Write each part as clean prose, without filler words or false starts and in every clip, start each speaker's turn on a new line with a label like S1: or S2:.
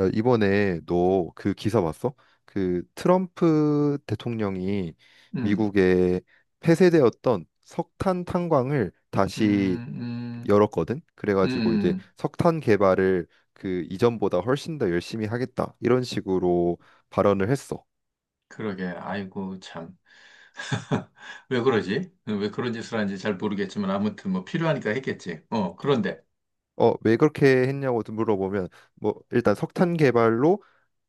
S1: 야, 이번에 너 그 기사 봤어? 그 트럼프 대통령이
S2: 음,
S1: 미국에 폐쇄되었던 석탄 탄광을 다시
S2: 음,
S1: 열었거든.
S2: 음, 음,
S1: 그래가지고 이제
S2: 음.
S1: 석탄 개발을 그 이전보다 훨씬 더 열심히 하겠다. 이런 식으로 발언을 했어.
S2: 그러게. 아이고, 참. 왜 그러지? 왜 그런 짓을 하는지 잘 모르겠지만, 아무튼 뭐 필요하니까 했겠지. 그런데.
S1: 왜 그렇게 했냐고 물어보면 뭐 일단 석탄 개발로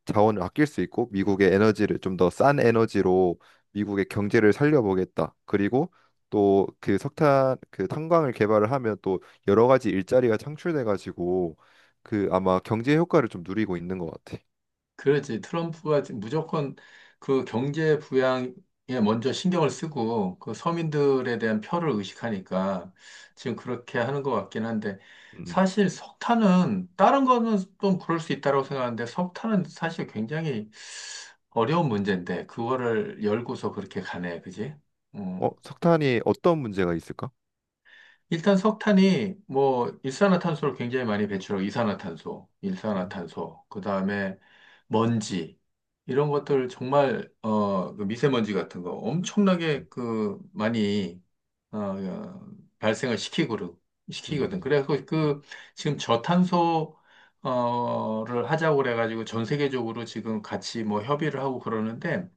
S1: 자원을 아낄 수 있고 미국의 에너지를 좀 더 싼 에너지로 미국의 경제를 살려보겠다. 그리고 또 그 석탄 그 탄광을 개발을 하면 또 여러 가지 일자리가 창출돼 가지고 그 아마 경제 효과를 좀 누리고 있는 것 같아.
S2: 그렇지. 트럼프가 지 무조건 그 경제 부양에 먼저 신경을 쓰고, 그 서민들에 대한 표를 의식하니까 지금 그렇게 하는 것 같긴 한데,
S1: 음.
S2: 사실 석탄은, 다른 거는 좀 그럴 수 있다고 생각하는데, 석탄은 사실 굉장히 어려운 문제인데 그거를 열고서 그렇게 가네, 그지? 음.
S1: 석탄이 어떤 문제가 있을까?
S2: 일단 석탄이 뭐 일산화탄소를 굉장히 많이 배출하고 이산화탄소,
S1: 음.
S2: 일산화탄소, 그다음에 먼지 이런 것들 정말 그 미세먼지 같은 거 엄청나게
S1: 음.
S2: 그 많이 어, 어, 발생을 시키고 시키거든.
S1: 음.
S2: 그래서
S1: 음.
S2: 그 지금 저탄소 어를 하자고 그래가지고 전 세계적으로 지금 같이 뭐 협의를 하고 그러는데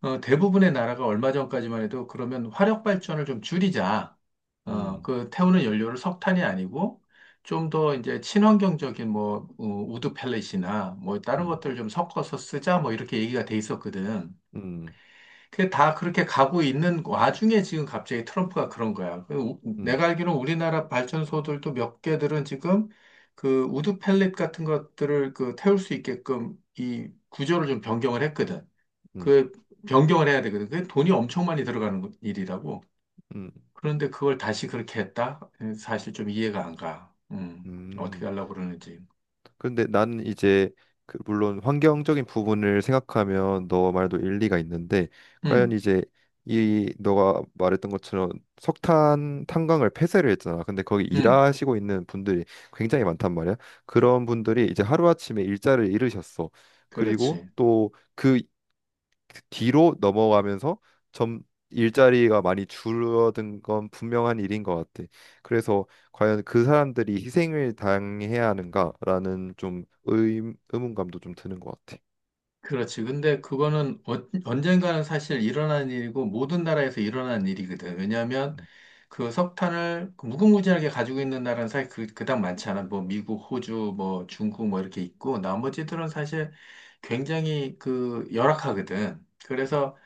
S2: 대부분의 나라가 얼마 전까지만 해도 그러면 화력 발전을 좀 줄이자.
S1: 음.
S2: 그 태우는 연료를 석탄이 아니고 좀 더 이제 친환경적인 뭐 우드 펠렛이나 뭐 다른
S1: 음.
S2: 것들 좀 섞어서 쓰자 뭐 이렇게 얘기가 돼 있었거든.
S1: 음. 음.
S2: 근데 다 그렇게 가고 있는 와중에 지금 갑자기 트럼프가 그런 거야.
S1: 음.
S2: 내가 알기로는 우리나라 발전소들도 몇 개들은 지금 그 우드 펠렛 같은 것들을 그 태울 수 있게끔 이 구조를 좀 변경을 했거든.
S1: 음.
S2: 그 변경을 해야 되거든. 그게 돈이 엄청 많이 들어가는 일이라고.
S1: 음. 음.
S2: 그런데 그걸 다시 그렇게 했다? 사실 좀 이해가 안 가. 어떻게
S1: 음.
S2: 하려고 그러는지.
S1: 근데 나는 이제 그 물론 환경적인 부분을 생각하면 너 말도 일리가 있는데 과연
S2: 음,
S1: 이제 이 너가 말했던 것처럼 석탄 탄광을 폐쇄를 했잖아. 근데 거기
S2: 음,
S1: 일하시고 있는 분들이 굉장히 많단 말이야.
S2: 어,
S1: 그런 분들이 이제 하루아침에 일자를 잃으셨어. 그리고
S2: 그렇지.
S1: 또그 그 뒤로 넘어가면서 점 일자리가 많이 줄어든 건 분명한 일인 것 같아. 그래서 과연 그 사람들이 희생을 당해야 하는가라는 좀 의문감도 좀 드는 것 같아.
S2: 그렇지. 근데 그거는 언젠가는 사실 일어난 일이고 모든 나라에서 일어난 일이거든. 왜냐하면 그 석탄을 그 무궁무진하게 가지고 있는 나라는 사실 그닥 많지 않아. 뭐 미국, 호주, 뭐 중국 뭐 이렇게 있고 나머지들은 사실 굉장히 그 열악하거든. 그래서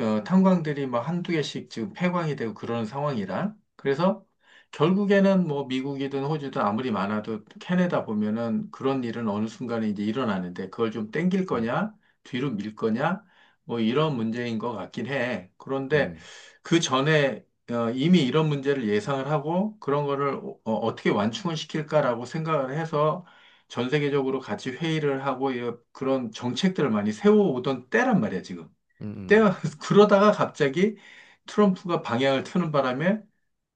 S2: 탄광들이 막 한두 개씩 지금 폐광이 되고 그러는 상황이라. 그래서 결국에는 뭐 미국이든 호주든 아무리 많아도 캐내다 보면은 그런 일은 어느 순간에 이제 일어나는데 그걸 좀 땡길
S1: 음,
S2: 거냐, 뒤로 밀 거냐, 뭐 이런 문제인 것 같긴 해. 그런데
S1: 음,
S2: 그 전에 이미 이런 문제를 예상을 하고 그런 거를 어, 떻게 완충을 시킬까라고 생각을 해서 전 세계적으로 같이 회의를 하고 이 그런 정책들을 많이 세워오던 때란 말이야, 지금.
S1: 음, 음,
S2: 때가 그러다가 갑자기 트럼프가 방향을 트는 바람에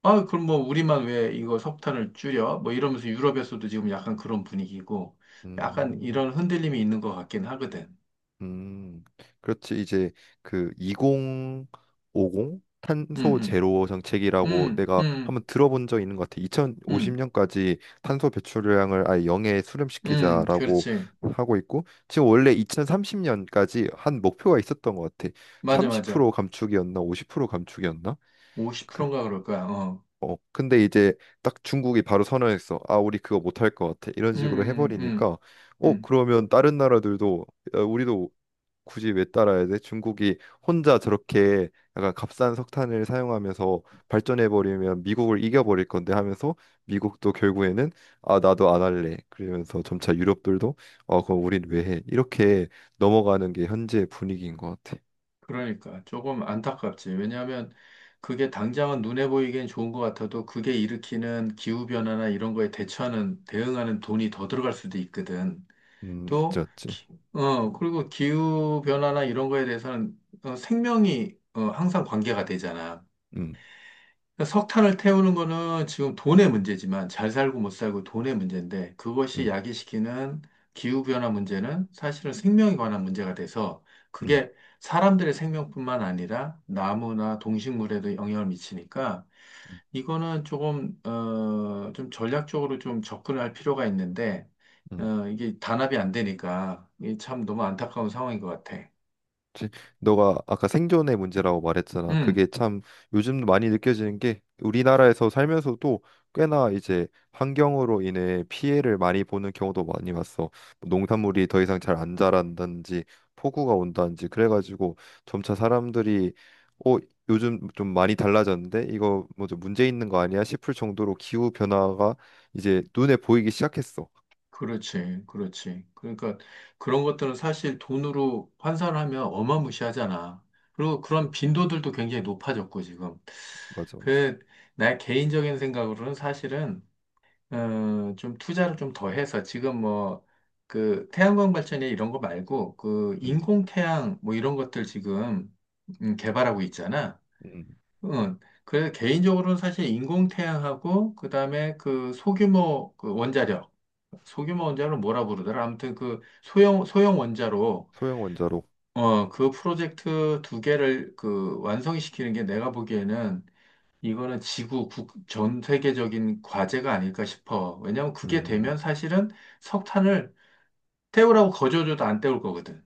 S2: 아 그럼 뭐 우리만 왜 이거 석탄을 줄여? 뭐 이러면서 유럽에서도 지금 약간 그런 분위기고 약간
S1: 음.
S2: 이런 흔들림이 있는 것 같긴 하거든.
S1: 음, 그렇지. 이제 그 2050 탄소
S2: 응응.
S1: 제로 정책이라고
S2: 응응.
S1: 내가
S2: 응응.
S1: 한번 들어본 적 있는 것 같아. 2050년까지 탄소 배출량을 아예 0에
S2: 응. 응, 응,
S1: 수렴시키자라고
S2: 그렇지.
S1: 하고 있고, 지금 원래 2030년까지 한 목표가 있었던 것 같아.
S2: 맞아, 맞아.
S1: 30% 감축이었나, 50% 감축이었나? 그,
S2: 50%인가 그럴 거야. 어.
S1: 근데 이제 딱 중국이 바로 선언했어. 아, 우리 그거 못할 것 같아. 이런 식으로
S2: 응응.
S1: 해버리니까,
S2: 응응.
S1: 그러면 다른 나라들도 야, 우리도 굳이 왜 따라야 돼? 중국이 혼자 저렇게 약간 값싼 석탄을 사용하면서 발전해 버리면 미국을 이겨 버릴 건데 하면서 미국도 결국에는 아 나도 안 할래. 그러면서 점차 유럽들도 어 그럼 우린 왜 해? 이렇게 넘어가는 게 현재 분위기인 것 같아.
S2: 그러니까 조금 안타깝지. 왜냐하면 그게 당장은 눈에 보이기엔 좋은 것 같아도 그게 일으키는 기후변화나 이런 거에 대처하는, 대응하는 돈이 더 들어갈 수도 있거든.
S1: 맞지
S2: 또,
S1: 맞지.
S2: 그리고 기후변화나 이런 거에 대해서는 생명이 항상 관계가 되잖아.
S1: 음,
S2: 그러니까 석탄을 태우는 거는 지금 돈의 문제지만 잘 살고 못 살고 돈의 문제인데 그것이
S1: 음,
S2: 야기시키는 기후변화 문제는 사실은 생명에 관한 문제가 돼서
S1: 음,
S2: 그게 사람들의 생명뿐만 아니라 나무나 동식물에도 영향을 미치니까
S1: 음,
S2: 이거는 조금, 좀 전략적으로 좀 접근할 필요가 있는데
S1: 음.
S2: 이게 단합이 안 되니까 이게 참 너무 안타까운 상황인 것 같아.
S1: 지- 너가 아까 생존의 문제라고 말했잖아.
S2: 음.
S1: 그게 참 요즘 많이 느껴지는 게 우리나라에서 살면서도 꽤나 이제 환경으로 인해 피해를 많이 보는 경우도 많이 봤어. 뭐 농산물이 더 이상 잘 안 자란다든지 폭우가 온다든지 그래가지고 점차 사람들이 어 요즘 좀 많이 달라졌는데 이거 뭐 좀 문제 있는 거 아니야 싶을 정도로 기후 변화가 이제 눈에 보이기 시작했어.
S2: 그렇지, 그렇지. 그러니까 그런 것들은 사실 돈으로 환산하면 어마무시하잖아. 그리고 그런 빈도들도 굉장히 높아졌고, 지금.
S1: 맞아, 맞아.
S2: 그, 나의 개인적인 생각으로는 사실은, 좀 투자를 좀 더 해서 지금 뭐, 그 태양광 발전이나 이런 거 말고, 그
S1: 음,
S2: 인공태양 뭐 이런 것들 지금 개발하고 있잖아.
S1: 음.
S2: 응. 그래서 개인적으로는 사실 인공태양하고 그다음에 그 소규모 원자력 뭐라 부르더라 아무튼 그 소형 원자로
S1: 소형 원자로.
S2: 그 프로젝트 두 개를 그 완성시키는 게 내가 보기에는 이거는 지구 국, 전 세계적인 과제가 아닐까 싶어. 왜냐하면 그게 되면
S1: 음,
S2: 사실은 석탄을 태우라고 거저줘도 안 태울 거거든.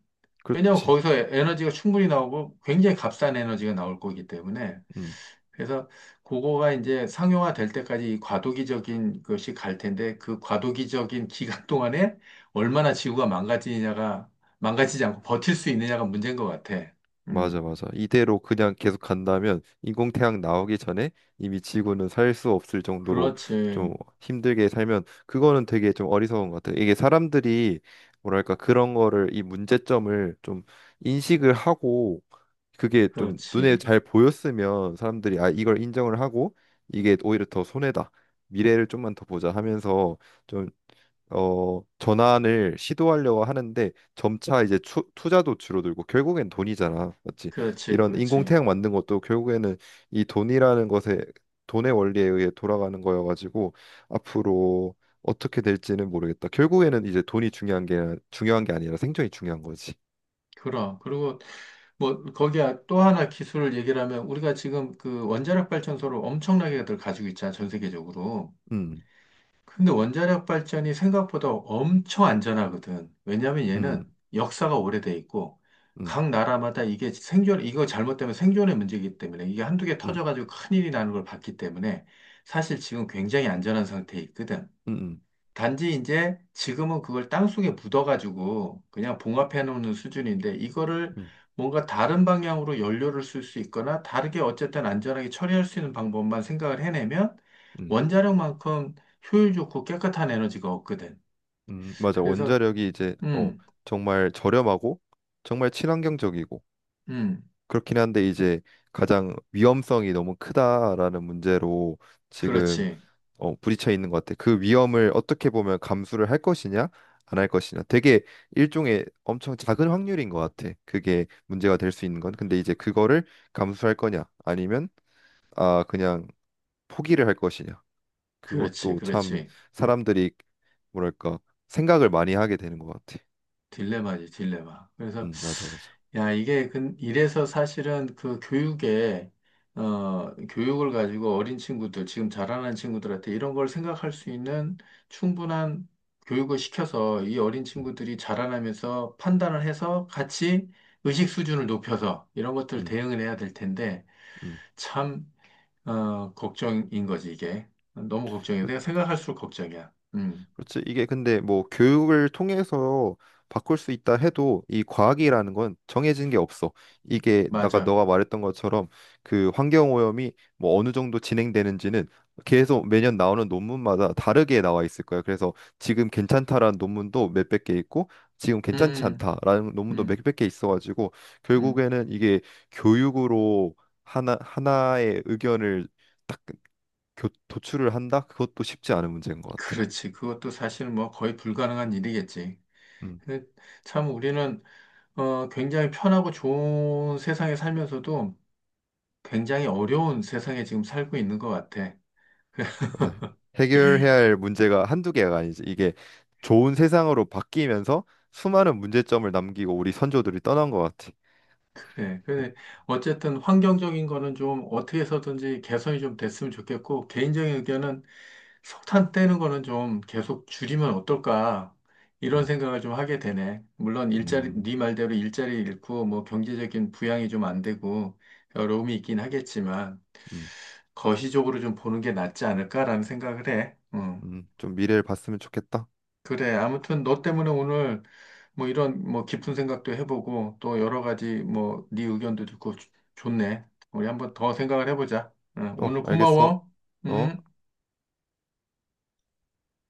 S2: 왜냐하면
S1: 그렇지.
S2: 거기서 에너지가 충분히 나오고 굉장히 값싼 에너지가 나올 거기 때문에.
S1: 음.
S2: 그래서 그거가 이제 상용화 될 때까지 이 과도기적인 것이 갈 텐데 그 과도기적인 기간 동안에 얼마나 지구가 망가지냐가 망가지지 않고 버틸 수 있느냐가 문제인 것 같아. 음,
S1: 맞아, 맞아. 이대로 그냥 계속 간다면 인공태양 나오기 전에 이미 지구는 살 수 없을 정도로
S2: 그렇지,
S1: 좀 힘들게 살면 그거는 되게 좀 어리석은 것 같아. 이게 사람들이 뭐랄까 그런 거를 이 문제점을 좀 인식을 하고 그게 좀 눈에
S2: 그렇지,
S1: 잘 보였으면 사람들이 아 이걸 인정을 하고 이게 오히려 더 손해다. 미래를 좀만 더 보자 하면서 좀 전환을 시도하려고 하는데 점차 이제 투자도 줄어들고 결국엔 돈이잖아. 맞지?
S2: 그렇지,
S1: 이런
S2: 그렇지.
S1: 인공태양 만든 것도 결국에는 이 돈이라는 것에 돈의 원리에 의해 돌아가는 거여가지고 앞으로 어떻게 될지는 모르겠다. 결국에는 이제 돈이 중요한 게 중요한 게 아니라 생존이 중요한 거지.
S2: 그럼 그리고 뭐 거기에 또 하나 기술을 얘기를 하면 우리가 지금 그 원자력 발전소를 엄청나게들 가지고 있잖아 전 세계적으로.
S1: 음,
S2: 근데 원자력 발전이 생각보다 엄청 안전하거든. 왜냐하면
S1: 음,
S2: 얘는 역사가 오래돼 있고
S1: 음,
S2: 각 나라마다 이게 생존, 이거 잘못되면 생존의 문제이기 때문에 이게 한두 개
S1: 음,
S2: 터져가지고 큰일이 나는 걸 봤기 때문에 사실 지금 굉장히 안전한 상태에 있거든.
S1: 음, 음,
S2: 단지 이제 지금은 그걸 땅속에 묻어가지고 그냥 봉합해 놓는 수준인데 이거를
S1: 음,
S2: 뭔가 다른 방향으로 연료를 쓸 수 있거나 다르게 어쨌든 안전하게 처리할 수 있는 방법만 생각을 해내면
S1: 음,
S2: 원자력만큼 효율 좋고 깨끗한 에너지가 없거든.
S1: 맞아.
S2: 그래서
S1: 원자력이 이제
S2: 음,
S1: 정말 저렴하고 정말 친환경적이고
S2: 음,
S1: 그렇긴 한데 이제 가장 위험성이 너무 크다라는 문제로 지금
S2: 그렇지,
S1: 부딪혀 있는 것 같아. 그 위험을 어떻게 보면 감수를 할 것이냐, 안 할 것이냐. 되게 일종의 엄청 작은 확률인 것 같아. 그게 문제가 될 수 있는 건. 근데 이제 그거를 감수할 거냐, 아니면 아 그냥 포기를 할 것이냐.
S2: 그렇지,
S1: 그것도 참
S2: 그렇지.
S1: 사람들이 뭐랄까 생각을 많이 하게 되는 것 같아.
S2: 딜레마지, 딜레마. 그래서
S1: 맞아, 맞아.
S2: 야, 이게 이래서 사실은 그 교육에 교육을 가지고 어린 친구들, 지금 자라는 친구들한테 이런 걸 생각할 수 있는 충분한 교육을 시켜서 이 어린
S1: 음,
S2: 친구들이 자라나면서 판단을 해서 같이 의식 수준을 높여서 이런 것들
S1: 음,
S2: 대응을 해야 될 텐데
S1: 음.
S2: 참 걱정인 거지 이게. 너무 걱정이야. 내가 생각할수록 걱정이야.
S1: 그렇지. 이게 근데 뭐 교육을 통해서 바꿀 수 있다 해도 이 과학이라는 건 정해진 게 없어. 이게 아까
S2: 맞아.
S1: 너가 말했던 것처럼 그 환경오염이 뭐 어느 정도 진행되는지는 계속 매년 나오는 논문마다 다르게 나와 있을 거야. 그래서 지금 괜찮다라는 논문도 몇백 개 있고 지금 괜찮지
S2: 음,
S1: 않다라는 논문도
S2: 음,
S1: 몇백 개 있어가지고
S2: 음.
S1: 결국에는 이게 교육으로 하나 하나의 의견을 딱 도출을 한다? 그것도 쉽지 않은 문제인 것 같아.
S2: 그렇지. 그것도 사실 뭐 거의 불가능한 일이겠지.
S1: 음.
S2: 근데 참 우리는 굉장히 편하고 좋은 세상에 살면서도 굉장히 어려운 세상에 지금 살고 있는 것 같아.
S1: 맞아요. 해결해야 할 문제가 한두 개가 아니지. 이게 좋은 세상으로 바뀌면서 수많은 문제점을 남기고 우리 선조들이 떠난 것 같아.
S2: 그래. 근데 어쨌든 환경적인 거는 좀 어떻게 해서든지 개선이 좀 됐으면 좋겠고, 개인적인 의견은 석탄 떼는 거는 좀 계속 줄이면 어떨까? 이런
S1: 음,
S2: 생각을 좀 하게 되네. 물론 일자리,
S1: 음,
S2: 네 말대로 일자리 잃고 뭐 경제적인 부양이 좀 안 되고 어려움이 있긴 하겠지만
S1: 음,
S2: 거시적으로 좀 보는 게 낫지 않을까라는 생각을 해. 음.
S1: 좀 미래를 봤으면 좋겠다.
S2: 그래. 아무튼 너 때문에 오늘 뭐 이런 뭐 깊은 생각도 해보고 또 여러 가지 뭐 네 의견도 듣고 좋네. 우리 한번 더 생각을 해보자. 응,
S1: 어,
S2: 오늘
S1: 알겠어.
S2: 고마워.
S1: 어?
S2: 응.